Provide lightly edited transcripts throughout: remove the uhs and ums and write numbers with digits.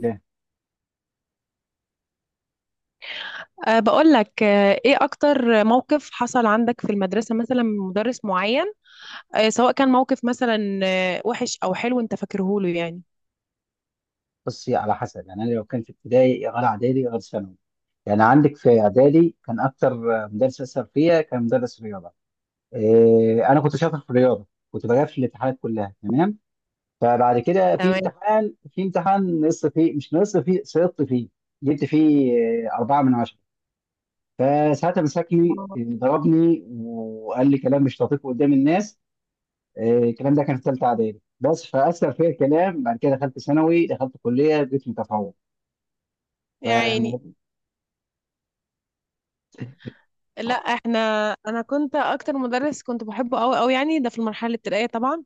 ليه؟ بقول لك، ايه اكتر موقف حصل عندك في المدرسة مثلا من مدرس معين؟ سواء كان موقف مثلا وحش او حلو، انت فاكره له يعني. بصي، على حسب. يعني انا لو كان في ابتدائي غير اعدادي غير ثانوي. يعني عندك في اعدادي كان اكتر مدرس اثر فيا كان مدرس رياضه. إيه انا كنت شاطر في الرياضه، كنت بجاوب في الامتحانات كلها تمام. فبعد كده في تمام. امتحان في امتحان نقصت فيه، مش نقصت فيه، سقطت فيه. جبت فيه إيه، 4 من 10. فساعتها مسكني آه. إيه، ضربني وقال لي كلام مش لطيف قدام الناس. إيه، الكلام ده كان في ثالثه اعدادي، بس فاثر فيا الكلام. بعد كده دخلت ثانوي، دخلت كليه، بقيت متفوق. يعني، ف لا احنا، انا كنت اكتر مدرس كنت بحبه قوي قوي يعني، ده في المرحلة الابتدائية طبعا.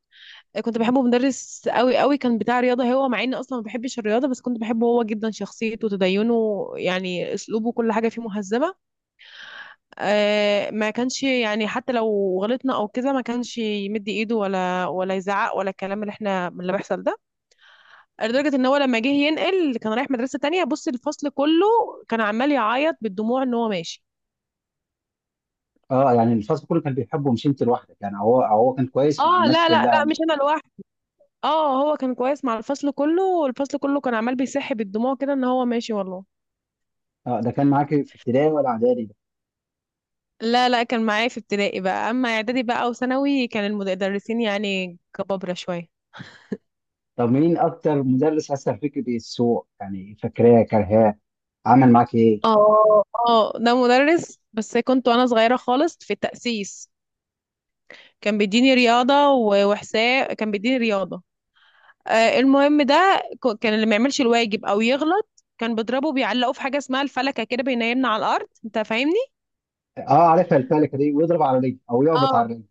كنت بحبه، مدرس قوي قوي كان، بتاع رياضة. هو مع اني اصلا ما بحبش الرياضة بس كنت بحبه هو جدا، شخصيته وتدينه يعني، اسلوبه كل حاجة فيه مهذبة. ما كانش يعني، حتى لو غلطنا او كده ما كانش يمد ايده ولا يزعق، ولا الكلام اللي بيحصل ده. لدرجه ان هو لما جه ينقل كان رايح مدرسه تانية، بص الفصل كله كان عمال يعيط بالدموع ان هو ماشي. اه، يعني الفصل كله كان بيحبه مش انت لوحدك، يعني هو كان كويس مع اه، الناس لا لا كلها، لا، مش مش انا لوحدي. اه، هو كان كويس مع الفصل كله، والفصل كله كان عمال بيصح بالدموع كده ان هو ماشي والله. اه. ده كان معاك في ابتدائي ولا اعدادي ده؟ لا لا، كان معايا في ابتدائي بقى. اما اعدادي بقى وثانوي كان المدرسين يعني كبابره شويه. طب مين اكتر مدرس اثر فيك بالسوء؟ يعني فاكراه كرهاه، عمل معاك ايه؟ اه، اه، ده مدرس بس كنت وانا صغيرة خالص في التأسيس. كان بيديني رياضة و- وحساب، كان بيديني رياضة. المهم ده، كان اللي ما يعملش الواجب او يغلط كان بيضربه، بيعلقه في حاجة اسمها الفلكة كده، بينيمنا على الأرض، انت فاهمني؟ اه عارفها الفلكه دي، ويضرب على رجلي او يخبط اه. على رجلي.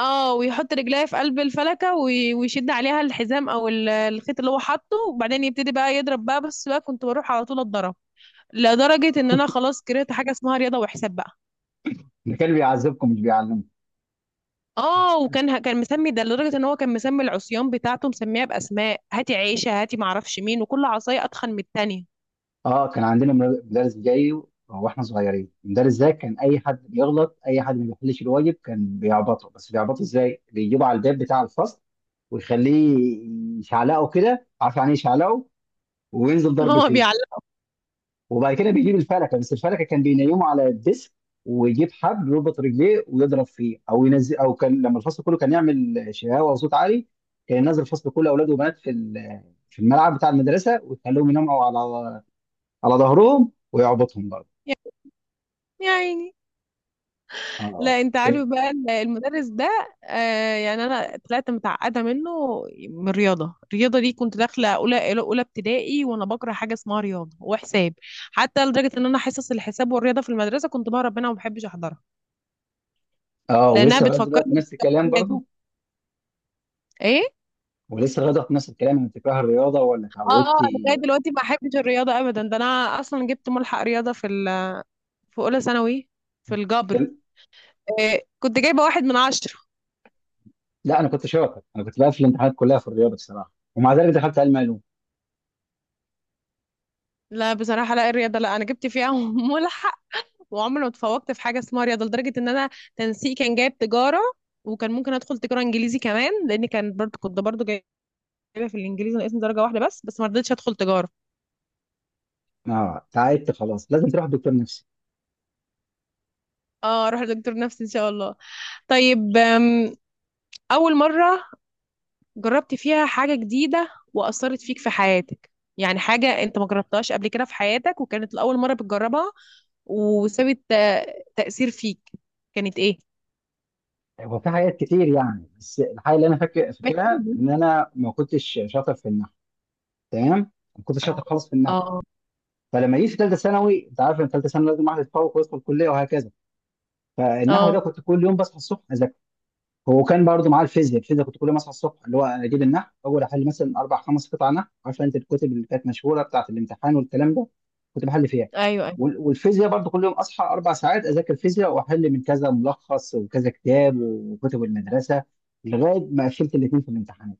اه، ويحط رجليه في قلب الفلكة، وي- ويشد عليها الحزام، او الخيط اللي هو حاطه، وبعدين يبتدي بقى يضرب بقى. بس بقى كنت بروح على طول اتضرب. لدرجة ان انا خلاص كرهت حاجة اسمها رياضة وحساب بقى. ده كان بيعذبكم مش بيعلمكم. اه، وكان ه- كان مسمي ده، لدرجه ان هو كان مسمي العصيان بتاعته، مسميها باسماء، هاتي عيشه، هاتي معرفش مين، وكل عصايه اتخن من التانيه. اه كان عندنا مدرس جاي، واحنا صغيرين. المدرس ده كان اي حد بيغلط، اي حد ما بيحلش الواجب كان بيعبطه. بس بيعبطه ازاي؟ بيجيبه على الباب بتاع الفصل، ويخليه يشعلقه كده. عارف يعني إيه يشعلقه؟ وينزل ضرب هو فيه. بيعلق. وبعد كده بيجيب الفلكه. بس الفلكه كان بينيمه على الديسك، ويجيب حبل يربط رجليه ويضرب فيه او ينزل. او كان لما الفصل كله كان يعمل شهاوه وصوت عالي، كان ينزل الفصل كله اولاد وبنات في الملعب بتاع المدرسه، ويخليهم يناموا على ظهرهم ويعبطهم برضه. يا عيني. اه لا، انت كان- عارف بقى المدرس ده. يعني انا طلعت متعقده منه، من الرياضه. الرياضه دي كنت داخله اولى اولى ابتدائي وانا بكره حاجه اسمها رياضه وحساب. حتى لدرجه ان انا حصص الحساب والرياضه في المدرسه كنت بهرب منها وما بحبش احضرها، اه، لانها ولسه لغايه دلوقتي بتفكرني نفس الكلام بالحاجات دي. برضه. ايه. ولسه لغايه دلوقتي نفس الكلام، انت بتكره الرياضه ولا اه، اتعودت؟ أنا لغايه دلوقتي ما بحبش الرياضه ابدا. ده انا اصلا جبت ملحق رياضه في في اولى ثانوي، في الجبر. إيه، كنت جايبه 1 من 10. لا انا كنت شاطر، انا كنت بقفل الامتحانات كلها في الرياضه بصراحه، ومع ذلك دخلت علم علوم. لا بصراحه، لا الرياضه، لا، انا جبت فيها ملحق. وعمري ما اتفوقت في حاجه اسمها رياضه، لدرجه ان انا تنسيق كان جايب تجاره، وكان ممكن ادخل تجاره انجليزي كمان، لان كان برضه كنت برضه جايبه في الانجليزي ناقصني درجه واحده بس، بس ما رضيتش ادخل تجاره. اه تعبت خلاص، لازم تروح دكتور نفسي. اه، اروح لدكتور نفسي ان شاء الله. طيب. اول مره جربت فيها حاجة جديدة وأثرت فيك في حياتك، يعني حاجة أنت ما جربتهاش قبل كده في حياتك، وكانت لأول مرة بتجربها، وسابت تأثير فيك، كانت إيه؟ هو في حاجات كتير يعني، بس الحاجه اللي انا فاكر بحكي فاكرها لي. ان انا ما كنتش شاطر في النحو. تمام، ما كنتش اه. شاطر خالص في النحو. اه. فلما جيت في ثالثه ثانوي، انت عارف ان ثالثه ثانوي لازم واحد يتفوق ويدخل الكليه وهكذا. فالنحو ده اه، كنت كل يوم بصحى الصبح اذاكر. هو كان برضه معاه الفيزياء. الفيزياء كنت كل يوم اصحى الصبح، اللي هو اجيب النحو اول، احل مثلا اربع خمس قطع نحو. عارفه انت الكتب اللي كانت مشهوره بتاعه الامتحان والكلام ده، كنت بحل فيها. أيوه أيوه. والفيزياء برضه كل يوم اصحى 4 ساعات اذاكر فيزياء، واحل من كذا ملخص وكذا كتاب وكتب المدرسه، لغايه ما قفلت الاثنين في الامتحانات.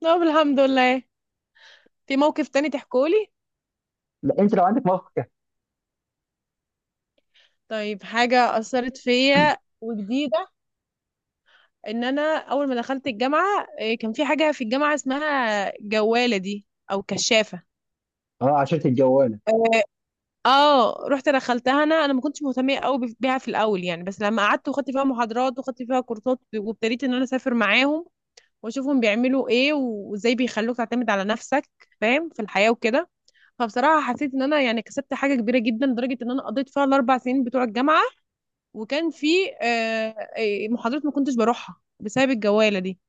طب، الحمد لله. في موقف تاني تحكولي؟ لا انت لو عندك موقف كده. طيب، حاجة أثرت فيا وجديدة، إن أنا أول ما دخلت الجامعة، كان في حاجة في الجامعة اسمها جوالة دي أو كشافة. اه، عشرة الجواله. اه، رحت دخلتها. انا ما كنتش مهتمه قوي بيها في الاول يعني، بس لما قعدت وخدت فيها محاضرات وخدت فيها كورسات وابتديت ان انا اسافر معاهم، واشوفهم بيعملوا ايه، وازاي بيخلوك تعتمد على نفسك، فاهم، في الحياه وكده، فبصراحه حسيت ان انا يعني كسبت حاجه كبيره جدا، لدرجه ان انا قضيت فيها الـ4 سنين بتوع الجامعه. وكان في آه، محاضرات ما كنتش بروحها بسبب الجواله دي.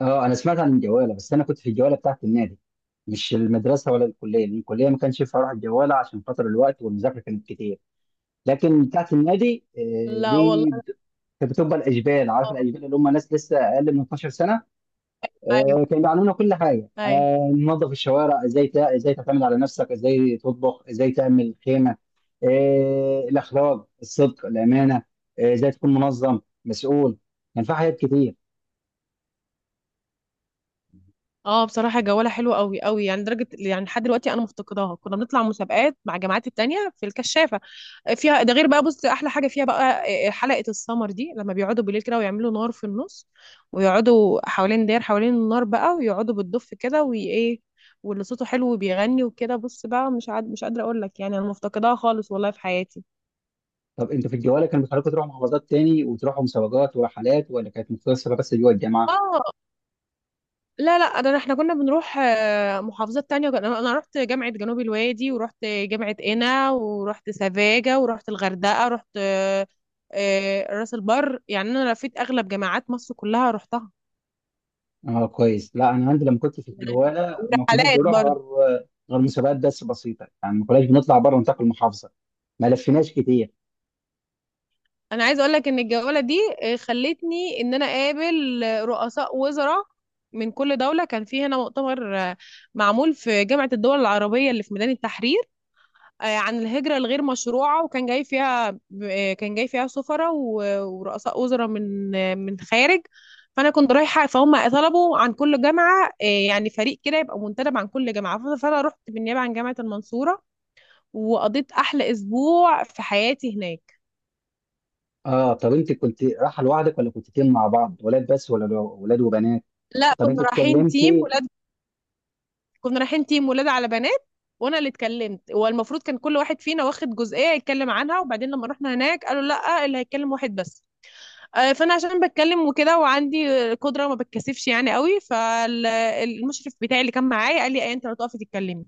اه انا سمعت عن الجواله، بس انا كنت في الجواله بتاعه النادي، مش المدرسه ولا الكليه، لأن الكليه ما كانش ينفع اروح الجواله عشان خاطر الوقت والمذاكره كانت كتير. لكن بتاعت النادي لا دي والله. كانت بتبقى الاجبال. عارف اه، الاجبال؟ اللي هم ناس لسه اقل من 12 سنه. ايوه، كانوا بيعلمونا كل حاجه، ايوه. ننظف الشوارع ازاي، ازاي تعتمد على نفسك، ازاي تطبخ، ازاي تعمل خيمه، الاخلاق، الصدق، الامانه، ازاي تكون منظم، مسؤول. كان في حاجات كتير. اه، بصراحة جوالة حلوة قوي قوي يعني، درجة يعني لحد دلوقتي انا مفتقداها. كنا بنطلع مسابقات مع الجامعات التانية في الكشافة فيها، ده غير بقى. بص، احلى حاجة فيها بقى، حلقة السمر دي، لما بيقعدوا بالليل كده ويعملوا نار في النص، ويقعدوا حوالين، داير حوالين النار بقى، ويقعدوا بالدف كده، وايه واللي صوته حلو وبيغني وكده، بص بقى، مش عاد مش قادرة اقول لك يعني، انا مفتقداها خالص والله في حياتي. طب انتوا في الجواله كانوا بيخلوكوا تروحوا محافظات تاني وتروحوا مسابقات ورحلات، ولا كانت مقتصره بس جوه الجامعه؟ اه. لا لا، ده احنا كنا بنروح محافظات تانية. انا رحت جامعة جنوب الوادي، ورحت جامعة قنا، ورحت سفاجة، ورحت الغردقة، رحت راس البر. يعني انا لفيت اغلب جامعات مصر كلها رحتها. اه كويس. لا انا عندي لما كنت في الجواله ما كناش ورحلات بنروح برضه. غير مسابقات بس بسيطه، يعني ما كناش بنطلع بره نطاق المحافظه، ما لفيناش كتير. انا عايزه اقول لك ان الجوله دي خلتني ان انا اقابل رؤساء وزراء من كل دوله. كان في هنا مؤتمر معمول في جامعه الدول العربيه اللي في ميدان التحرير، عن الهجرة الغير مشروعة، وكان جاي فيها كان جاي فيها سفراء و- ورؤساء وزراء من من الخارج. فأنا كنت رايحة. فهم طلبوا عن كل جامعة يعني فريق كده يبقى منتدب عن كل جامعة، ف- فأنا رحت بالنيابة عن جامعة المنصورة، وقضيت أحلى أسبوع في حياتي هناك. اه طب انت كنت رايحه لوحدك ولا كنت تيم مع بعض ولاد بس، ولا ولاد وبنات؟ لا، طب انت كنا رايحين تيم اتكلمتي؟ ولاد. كنا رايحين تيم ولاد على بنات. وانا اللي اتكلمت. والمفروض كان كل واحد فينا واخد جزئيه يتكلم عنها، وبعدين لما رحنا هناك قالوا لا، اللي هيتكلم واحد بس. فانا عشان بتكلم وكده، وعندي قدره ما بتكسفش يعني قوي، فالمشرف بتاعي اللي كان معايا قال لي ايه، انت لو تقفي تتكلمي،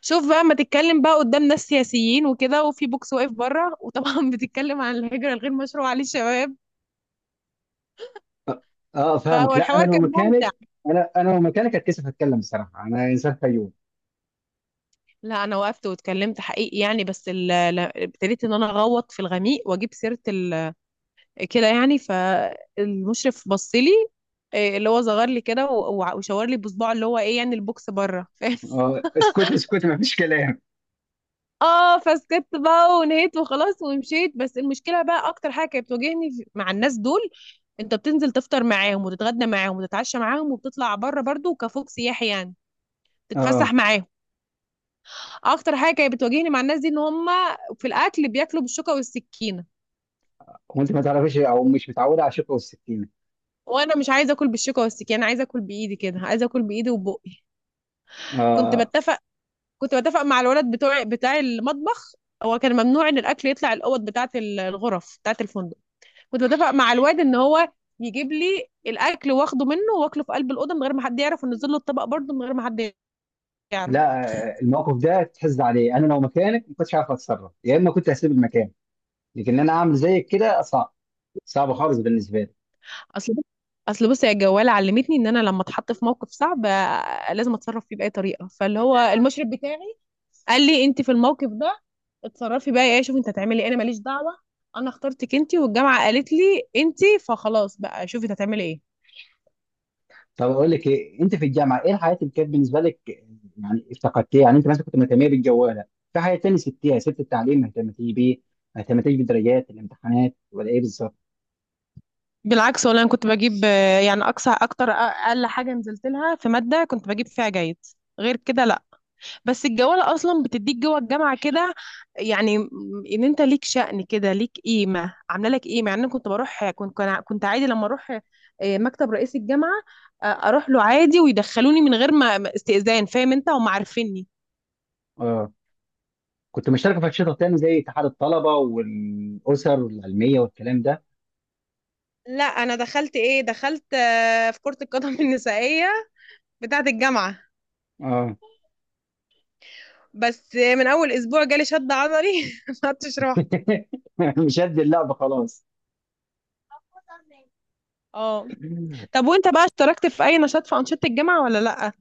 شوف بقى ما تتكلم بقى قدام ناس سياسيين وكده، وفي بوكس واقف بره، وطبعا بتتكلم عن الهجره الغير مشروعه للشباب. اه فهو فاهمك. لا انا الحوار لو كان مكانك، ممتع. انا لو مكانك هتكسف اتكلم، بصراحه انا انسان. فيوم لا، انا وقفت واتكلمت حقيقي يعني، بس ابتديت ان انا اغوط في الغميق واجيب سيره كده يعني، فالمشرف بص لي، إيه، اللي هو صغر لي كده، و- وع- وشاور لي بصباعه اللي هو ايه يعني، البوكس بره اه، اسكت اسكت، ما فيش كلام. اه، فسكت بقى ونهيت وخلاص ومشيت. بس المشكله بقى، اكتر حاجه كانت بتواجهني مع الناس دول، انت بتنزل تفطر معاهم وتتغدى معاهم وتتعشى معاهم، وبتطلع بره برضو كفوق سياحي يعني، تتفسح اه معاهم. اكتر حاجه كانت بتواجهني مع الناس دي ان هم في الاكل بياكلوا بالشوكه والسكينه، وانت ما تعرفيش او مش متعوده على الشوكه والسكينه؟ وانا مش عايزه اكل بالشوكه والسكينه، انا عايزه اكل بايدي كده، عايزه اكل بايدي وبقي كنت اه بتفق كنت بتفق مع الولد بتوع بتاع المطبخ. هو كان ممنوع ان الاكل يطلع الاوض بتاعه، الغرف بتاعه الفندق. كنت بتفق مع الواد ان هو يجيب لي الاكل، واخده منه واكله في قلب الاوضه من غير ما حد يعرف، ونزل له الطبق برضه من غير ما حد يعرف. لا، الموقف ده تحز عليه، انا لو مكانك ما كنتش عارف اتصرف، يا اما كنت هسيب المكان، لكن انا اعمل زيك كده صعب، صعب خالص بالنسبه لي. اصل بص- اصل بصي، يا جواله علمتني ان انا لما اتحط في موقف صعب لازم اتصرف فيه باي طريقه. فاللي هو المشرف بتاعي قال لي انت في الموقف ده اتصرفي بقى، ايه شوفي انت هتعملي ايه، انا ماليش دعوه، انا اخترتك انت، والجامعه قالت لي انت، فخلاص بقى، شوفي انت هتعملي ايه. طب اقول لك ايه؟ انت في الجامعه ايه الحياه اللي كانت بالنسبه لك؟ يعني افتقدتيها؟ يعني انت مثلا كنت مهتميه بالجواله في حياه تانية، سبتيها؟ سبت التعليم، ما اهتمتي بيه؟ ما اهتمتيش بالدرجات الامتحانات ولا ايه بالظبط؟ بالعكس والله، انا كنت بجيب يعني اقصى اكتر، اقل حاجه نزلت لها في ماده كنت بجيب فيها جيد. غير كده، بس الجوالة اصلا بتديك جوه الجامعة كده، يعني ان انت ليك شأن كده، ليك قيمة، عاملة لك قيمة يعني. انا كنت بروح، كنت عادي لما اروح مكتب رئيس الجامعة، اروح له عادي ويدخلوني من غير ما استئذان. فاهم انت، هم عارفيني. اه كنت مشتركه في انشطه تانية زي اتحاد الطلبه والاسر العلميه والكلام ده. لا، انا دخلت ايه، دخلت في كرة القدم النسائية بتاعة الجامعة. اه بس من اول اسبوع جالي شد عضلي ما عدتش رحت. مش قد اللعبه خلاص. اه، طب وانت بقى اشتركت في اي نشاط في انشطة الجامعة ولا لا؟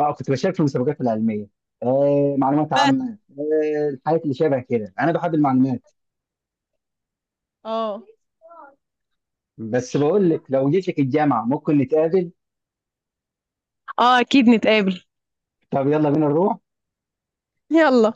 اه كنت بشارك في المسابقات العلميه، معلومات بس. عامه، الحاجات اللي شبه كده. انا بحب المعلومات. اه، بس بقول لك لو جيت لك الجامعه ممكن نتقابل. اه، اكيد نتقابل. طب يلا بينا نروح. يلا.